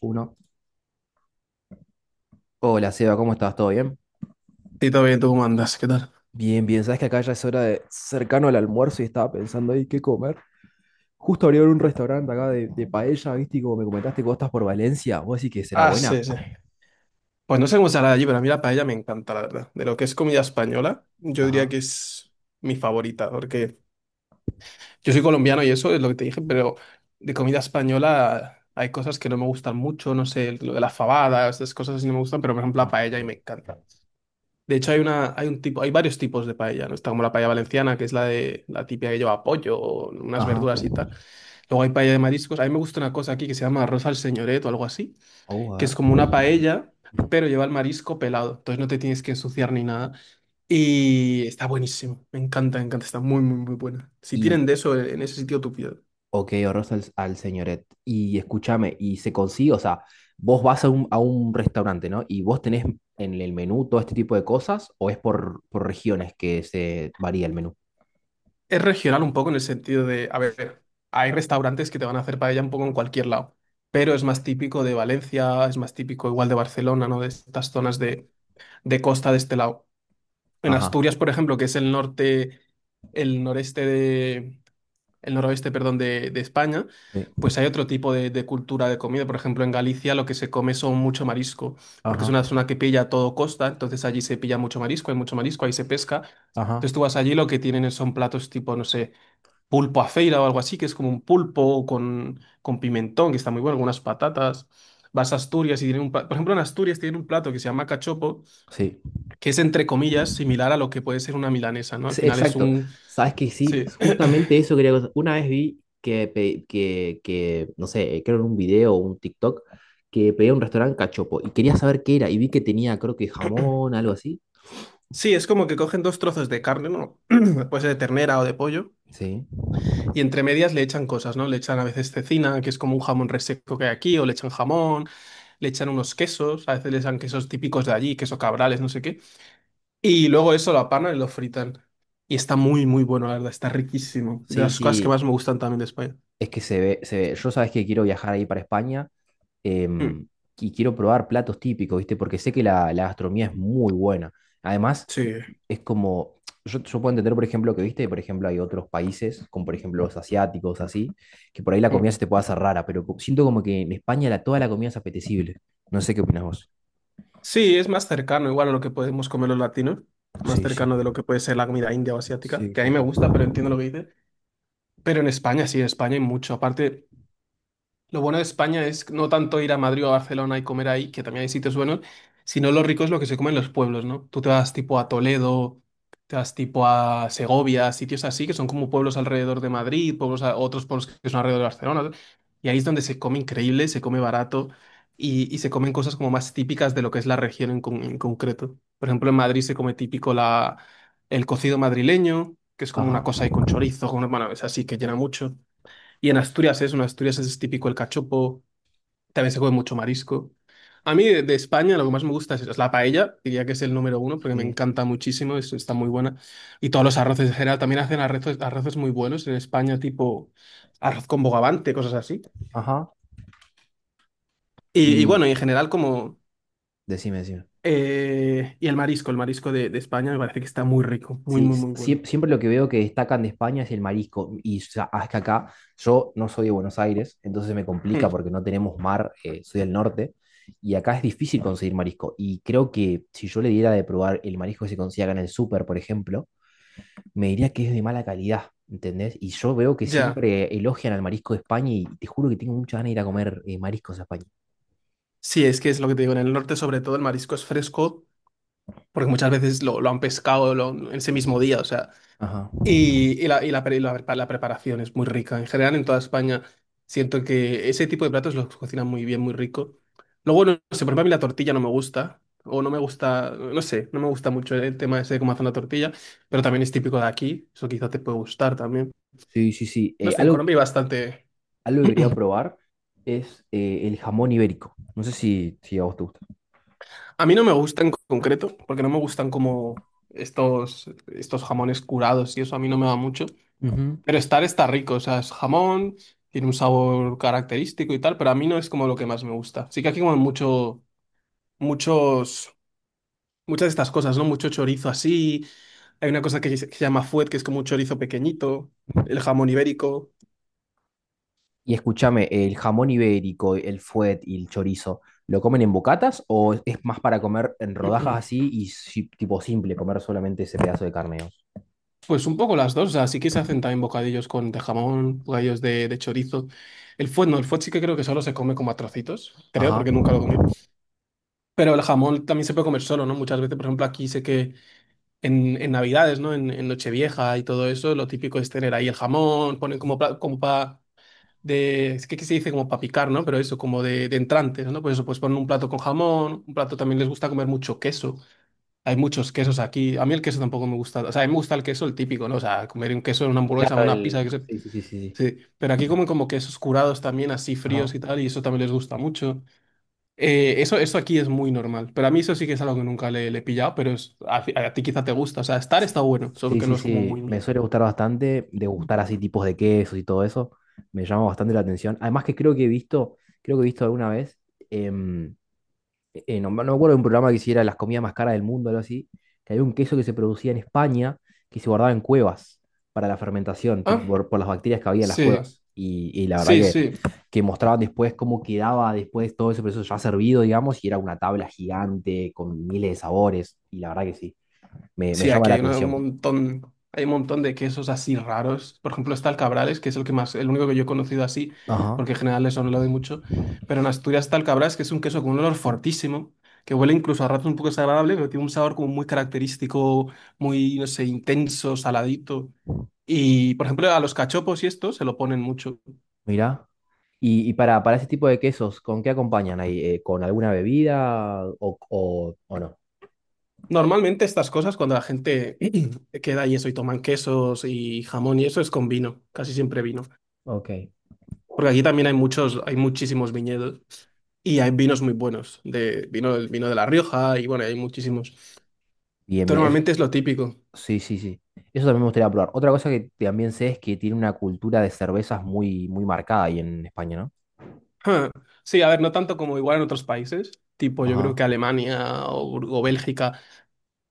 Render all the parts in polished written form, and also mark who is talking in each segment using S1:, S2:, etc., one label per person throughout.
S1: 1. Hola, Seba, ¿cómo estás? ¿Todo bien?
S2: Sí, todo bien, ¿tú cómo andas? ¿Qué tal?
S1: Bien, bien. Sabes que acá ya es hora de cercano al almuerzo y estaba pensando ahí qué comer. Justo abrieron un restaurante acá de paella, ¿viste? Y como me comentaste que vos estás por Valencia, vos decís que será
S2: Ah,
S1: buena.
S2: sí, sí. Pues no sé cómo será allí, pero a mí la paella me encanta, la verdad. De lo que es comida española, yo diría
S1: Ajá.
S2: que es mi favorita, porque yo soy colombiano y eso es lo que te dije, pero de comida española hay cosas que no me gustan mucho, no sé, lo de las fabadas, esas cosas así no me gustan, pero por ejemplo la
S1: Ah,
S2: paella y me encanta. De hecho hay una, hay un tipo, hay varios tipos de paella, ¿no? Está como la paella valenciana, que es la de la típica que lleva pollo, unas
S1: ajá.
S2: verduras y tal. Luego hay paella de mariscos. A mí me gusta una cosa aquí que se llama arroz al señoret o algo así
S1: Vamos a
S2: que es
S1: ver.
S2: como una paella,
S1: Ujú.
S2: pero lleva el marisco pelado, entonces no te tienes que ensuciar ni nada. Y está buenísimo, me encanta, está muy, muy, muy buena. Si
S1: Y,
S2: tienen de eso en ese sitio, tú pides.
S1: ok, ahorras al, al señoret. Y escúchame, y se consigue, o sea, vos vas a un restaurante, ¿no? Y vos tenés en el menú todo este tipo de cosas, o es por regiones que se varía el menú.
S2: Es regional un poco en el sentido de, a ver, hay restaurantes que te van a hacer paella un poco en cualquier lado, pero es más típico de Valencia, es más típico igual de Barcelona, ¿no? De estas zonas de costa de este lado. En
S1: Ajá.
S2: Asturias, por ejemplo, que es el norte, el noreste de el noroeste, perdón, de España,
S1: Sí.
S2: pues hay otro tipo de cultura de comida. Por ejemplo, en Galicia lo que se come son mucho marisco, porque es
S1: Ajá.
S2: una zona que pilla todo costa, entonces allí se pilla mucho marisco, hay mucho marisco, ahí se pesca.
S1: Ajá.
S2: Entonces tú vas allí, lo que tienen son platos tipo, no sé, pulpo a feira o algo así, que es como un pulpo con pimentón, que está muy bueno, algunas patatas. Vas a Asturias y tienen un plato, por ejemplo, en Asturias tienen un plato que se llama cachopo,
S1: Sí,
S2: que es entre comillas similar a lo que puede ser una milanesa, ¿no? Al
S1: sí,
S2: final es
S1: exacto.
S2: un,
S1: Sabes que sí,
S2: sí.
S1: justamente eso quería. Una vez vi que, no sé, creo en un video o un TikTok, que pedía un restaurante cachopo y quería saber qué era y vi que tenía, creo que jamón, algo así.
S2: Sí, es como que cogen dos trozos de carne, ¿no? Pues de ternera o de pollo,
S1: Sí,
S2: y entre medias le echan cosas, ¿no? Le echan a veces cecina, que es como un jamón reseco que hay aquí, o le echan jamón, le echan unos quesos, a veces le echan quesos típicos de allí, queso cabrales, no sé qué. Y luego eso lo apanan y lo fritan. Y está muy, muy bueno, la verdad, está riquísimo. De
S1: sí,
S2: las cosas que
S1: sí.
S2: más me gustan también de España.
S1: Es que se ve, se ve. Yo sabes que quiero viajar ahí para España
S2: Mm.
S1: em, y quiero probar platos típicos, ¿viste? Porque sé que la gastronomía es muy buena. Además,
S2: Sí.
S1: es como, yo puedo entender, por ejemplo, que, ¿viste? Por ejemplo, hay otros países, como por ejemplo los asiáticos, así, que por ahí la
S2: Mm.
S1: comida se te puede hacer rara, pero co- siento como que en España la, toda la comida es apetecible. No sé qué opinas vos.
S2: Sí, es más cercano igual a lo que podemos comer los latinos, más
S1: Sí, sí,
S2: cercano de lo que puede ser la comida india o asiática,
S1: sí,
S2: que a
S1: sí,
S2: mí me
S1: sí.
S2: gusta, pero entiendo lo que dices. Pero en España, sí, en España hay mucho. Aparte, lo bueno de España es no tanto ir a Madrid o a Barcelona y comer ahí, que también hay sitios buenos, sino lo rico es lo que se come en los pueblos, ¿no? Tú te vas tipo a Toledo, te vas tipo a Segovia, sitios así, que son como pueblos alrededor de Madrid, pueblos otros pueblos que son alrededor de Barcelona, ¿no? Y ahí es donde se come increíble, se come barato y se comen cosas como más típicas de lo que es la región en concreto. Por ejemplo, en Madrid se come típico el cocido madrileño, que es como una
S1: Ajá.
S2: cosa ahí con chorizo, con, una, bueno, es así que llena mucho. Y en Asturias es típico el cachopo, también se come mucho marisco. A mí de España lo que más me gusta es la paella, diría que es el número uno porque me
S1: Sí.
S2: encanta muchísimo, está muy buena. Y todos los arroces en general, también hacen arroces, arroces muy buenos en España, tipo arroz con bogavante, cosas así.
S1: Ajá.
S2: Y
S1: Y
S2: bueno, y en general como...
S1: decime, decime.
S2: y el marisco de España me parece que está muy rico, muy,
S1: Sí,
S2: muy,
S1: s-
S2: muy bueno.
S1: siem- siempre lo que veo que destacan de España es el marisco. Y ya- es que acá yo no soy de Buenos Aires, entonces me complica
S2: Mm,
S1: porque no tenemos mar, soy del norte, y acá es difícil conseguir marisco. Y creo que si yo le diera de probar el marisco que se consigue acá en el súper, por ejemplo, me diría que es de mala calidad, ¿entendés? Y yo veo que
S2: ya,
S1: siempre elogian al marisco de España y te juro que tengo muchas ganas de ir a comer mariscos a España.
S2: sí, es que es lo que te digo, en el norte sobre todo el marisco es fresco porque muchas veces lo han pescado en ese mismo día, o sea...
S1: Ajá.
S2: La preparación es muy rica. En general, en toda España, siento que ese tipo de platos los cocinan muy bien, muy rico. Luego, no sé, por ejemplo, a mí la tortilla no me gusta, o no me gusta, no sé, no me gusta mucho el tema ese de cómo hacen la tortilla, pero también es típico de aquí, eso quizá te puede gustar también.
S1: Sí, sí, sí.
S2: No sé, en Colombia hay bastante...
S1: Algo que quería probar es el jamón ibérico. No sé si, si a vos te gusta.
S2: A mí no me gusta en concreto, porque no me gustan como estos jamones curados y eso a mí no me va mucho.
S1: Ujú.
S2: Pero estar está rico, o sea, es jamón, tiene un sabor característico y tal, pero a mí no es como lo que más me gusta. Sí que aquí como mucho, muchos, muchas de estas cosas, ¿no? Mucho chorizo así, hay una cosa que se llama fuet, que es como un chorizo pequeñito, el jamón ibérico.
S1: Y escúchame, ¿el jamón ibérico, el fuet y el chorizo, lo comen en bocatas o es más para comer en rodajas así y si- tipo simple, comer solamente ese pedazo de carne, digamos?
S2: Pues un poco las dos, o sea, sí que se hacen también bocadillos con de jamón, bocadillos de chorizo. El fuet no, el fuet sí que creo que solo se come como a trocitos, creo,
S1: Ajá.
S2: porque nunca lo comí. Pero el jamón también se puede comer solo, ¿no? Muchas veces, por ejemplo, aquí sé que en Navidades, ¿no? En Nochevieja y todo eso, lo típico es tener ahí el jamón, ponen como para, como pa- de, es que se dice como para picar, ¿no? Pero eso, como de entrantes, ¿no? Pues eso, pues ponen un plato con jamón, un plato también les gusta comer mucho queso. Hay muchos quesos aquí. A mí el queso tampoco me gusta. O sea, a mí me gusta el queso, el típico, ¿no? O sea, comer un queso en una hamburguesa,
S1: Claro,
S2: una
S1: el...
S2: pizza,
S1: Sí, sí, sí, sí, sí.
S2: sí. Pero aquí comen como quesos curados también, así
S1: Ajá.
S2: fríos y tal, y eso también les gusta mucho. Eso aquí es muy normal, pero a mí eso sí que es algo que nunca le he pillado, pero a ti quizá te gusta, o sea, estar está bueno, solo
S1: Sí,
S2: que
S1: sí,
S2: no es como muy
S1: sí, me
S2: mío.
S1: suele gustar bastante degustar así tipos de quesos y todo eso, me llama bastante la atención. Además que creo que he visto, creo que he visto alguna vez em, no, me no me acuerdo de un programa que hiciera las comidas más caras del mundo, algo así, que había un queso que se producía en España que se guardaba en cuevas para la fermentación, tipo
S2: Ah,
S1: por las bacterias que había en las
S2: sí,
S1: cuevas. Y la verdad
S2: sí, sí.
S1: que mostraban después cómo quedaba después todo ese proceso ya servido, digamos, y era una tabla gigante con miles de sabores. Y la verdad que sí, me
S2: Sí,
S1: llama
S2: aquí
S1: la
S2: hay un
S1: atención.
S2: montón, hay un montón de quesos así raros. Por ejemplo, está el Cabrales, que es el que más, el único que yo he conocido así,
S1: Ajá,
S2: porque en general eso no lo doy mucho, pero en Asturias está el Cabrales, que es un queso con un olor fortísimo, que huele incluso a ratos un poco desagradable, pero tiene un sabor como muy característico, muy, no sé, intenso, saladito. Y, por ejemplo, a los cachopos y esto se lo ponen mucho.
S1: mira. Y para ese tipo de quesos, ¿con qué acompañan ahí? ¿Con alguna bebida o no?
S2: Normalmente estas cosas, cuando la gente queda y eso y toman quesos y jamón y eso, es con vino, casi siempre vino.
S1: Ok.
S2: Porque aquí también hay muchos, hay muchísimos viñedos y hay vinos muy buenos, de vino, el vino de La Rioja y bueno, hay muchísimos.
S1: Bien,
S2: Entonces,
S1: bien. Es,
S2: normalmente es lo típico.
S1: sí, sí, sí. Eso también me gustaría probar. Otra cosa que también sé es que tiene una cultura de cervezas muy, muy marcada ahí en España, ¿no?
S2: Ja. Sí, a ver, no tanto como igual en otros países, tipo yo creo
S1: Ajá.
S2: que Alemania o Bélgica,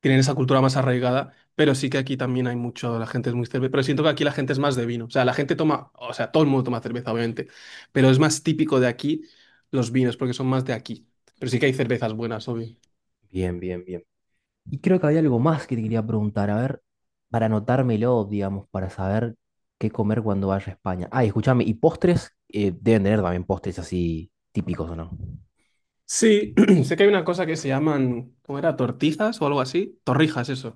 S2: tienen esa cultura más arraigada, pero sí que aquí también hay mucho, la gente es muy cerveza, pero siento que aquí la gente es más de vino, o sea, la gente toma, o sea, todo el mundo toma cerveza, obviamente, pero es más típico de aquí los vinos, porque son más de aquí, pero sí que hay cervezas buenas.
S1: Bien, bien, bien. Y creo que había algo más que te quería preguntar, a ver, para anotármelo, digamos, para saber qué comer cuando vaya a España. Ah, y escúchame, y postres, deben tener también postres así típicos, ¿o no?
S2: Sí, sé que hay una cosa que se llaman, ¿cómo era? Tortizas o algo así. Torrijas, eso.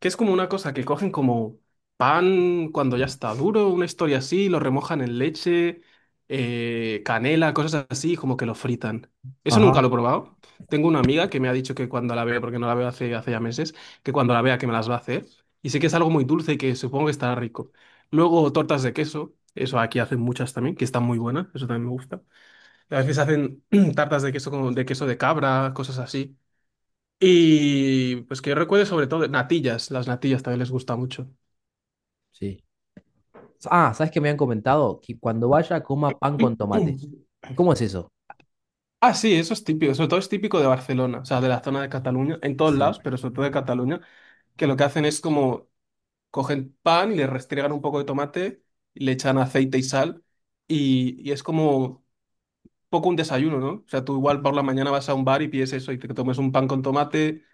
S2: Que es como una cosa que cogen como pan cuando ya está duro, una historia así, lo remojan en leche, canela, cosas así, como que lo fritan. Eso nunca
S1: Ajá,
S2: lo he probado. Tengo una amiga que me ha dicho que cuando la vea, porque no la veo hace ya meses, que cuando la vea que me las va a hacer. Y sé que es algo muy dulce y que supongo que estará rico. Luego tortas de queso, eso aquí hacen muchas también, que están muy buenas, eso también me gusta. A veces hacen tartas de queso, de queso de cabra, cosas así. Y pues que yo recuerde sobre todo natillas, las natillas también les gusta mucho.
S1: sí. Ah, ¿sabes qué me han comentado? Que cuando vaya coma pan con tomate. ¿Cómo es eso?
S2: Ah, sí, eso es típico, sobre todo es típico de Barcelona, o sea, de la zona de Cataluña, en todos
S1: Sí.
S2: lados, pero sobre todo de Cataluña, que lo que hacen es como cogen pan y le restriegan un poco de tomate, y le echan aceite y sal, y es como poco un desayuno, ¿no? O sea, tú igual por la mañana vas a un bar y pides eso y te tomes un pan con tomate,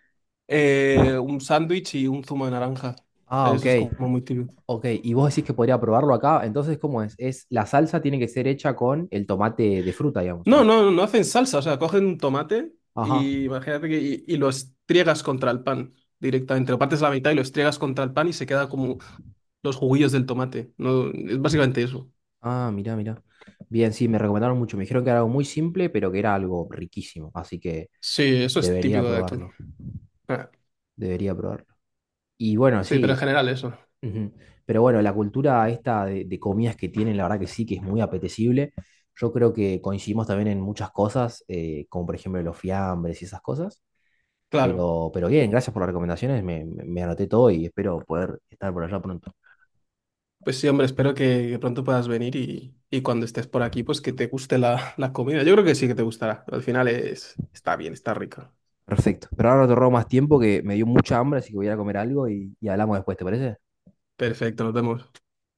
S2: Un sándwich y un zumo de naranja.
S1: Ah, ok.
S2: Eso es como muy típico.
S1: Ok, y vos decís que podría probarlo acá, entonces, ¿cómo es? Es la salsa tiene que ser hecha con el tomate de fruta, digamos, ¿o
S2: No,
S1: no?
S2: no, no hacen salsa, o sea, cogen un tomate
S1: Ajá.
S2: y imagínate que y lo estriegas contra el pan directamente. Lo partes a la mitad y lo estriegas contra el pan y se queda como los juguillos del tomate. No, es básicamente eso.
S1: Ah, mirá, mirá. Bien, sí, me recomendaron mucho. Me dijeron que era algo muy simple, pero que era algo riquísimo, así que
S2: Sí, eso es
S1: debería
S2: típico de aquí.
S1: probarlo.
S2: Ah,
S1: Debería probarlo. Y bueno,
S2: sí, pero en
S1: sí.
S2: general eso.
S1: Ujú. Pero bueno, la cultura esta de comidas que tienen, la verdad que sí, que es muy apetecible. Yo creo que coincidimos también en muchas cosas, como por ejemplo los fiambres y esas cosas.
S2: Claro.
S1: Pero bien, gracias por las recomendaciones. Me anoté todo y espero poder estar por allá pronto.
S2: Pues sí, hombre, espero que pronto puedas venir y cuando estés por aquí, pues que te guste la comida. Yo creo que sí que te gustará. Al final es, está bien, está rica.
S1: Perfecto. Pero ahora no te robo más tiempo que me dio mucha hambre, así que voy a ir a comer algo y hablamos después, ¿te parece?
S2: Perfecto, nos vemos.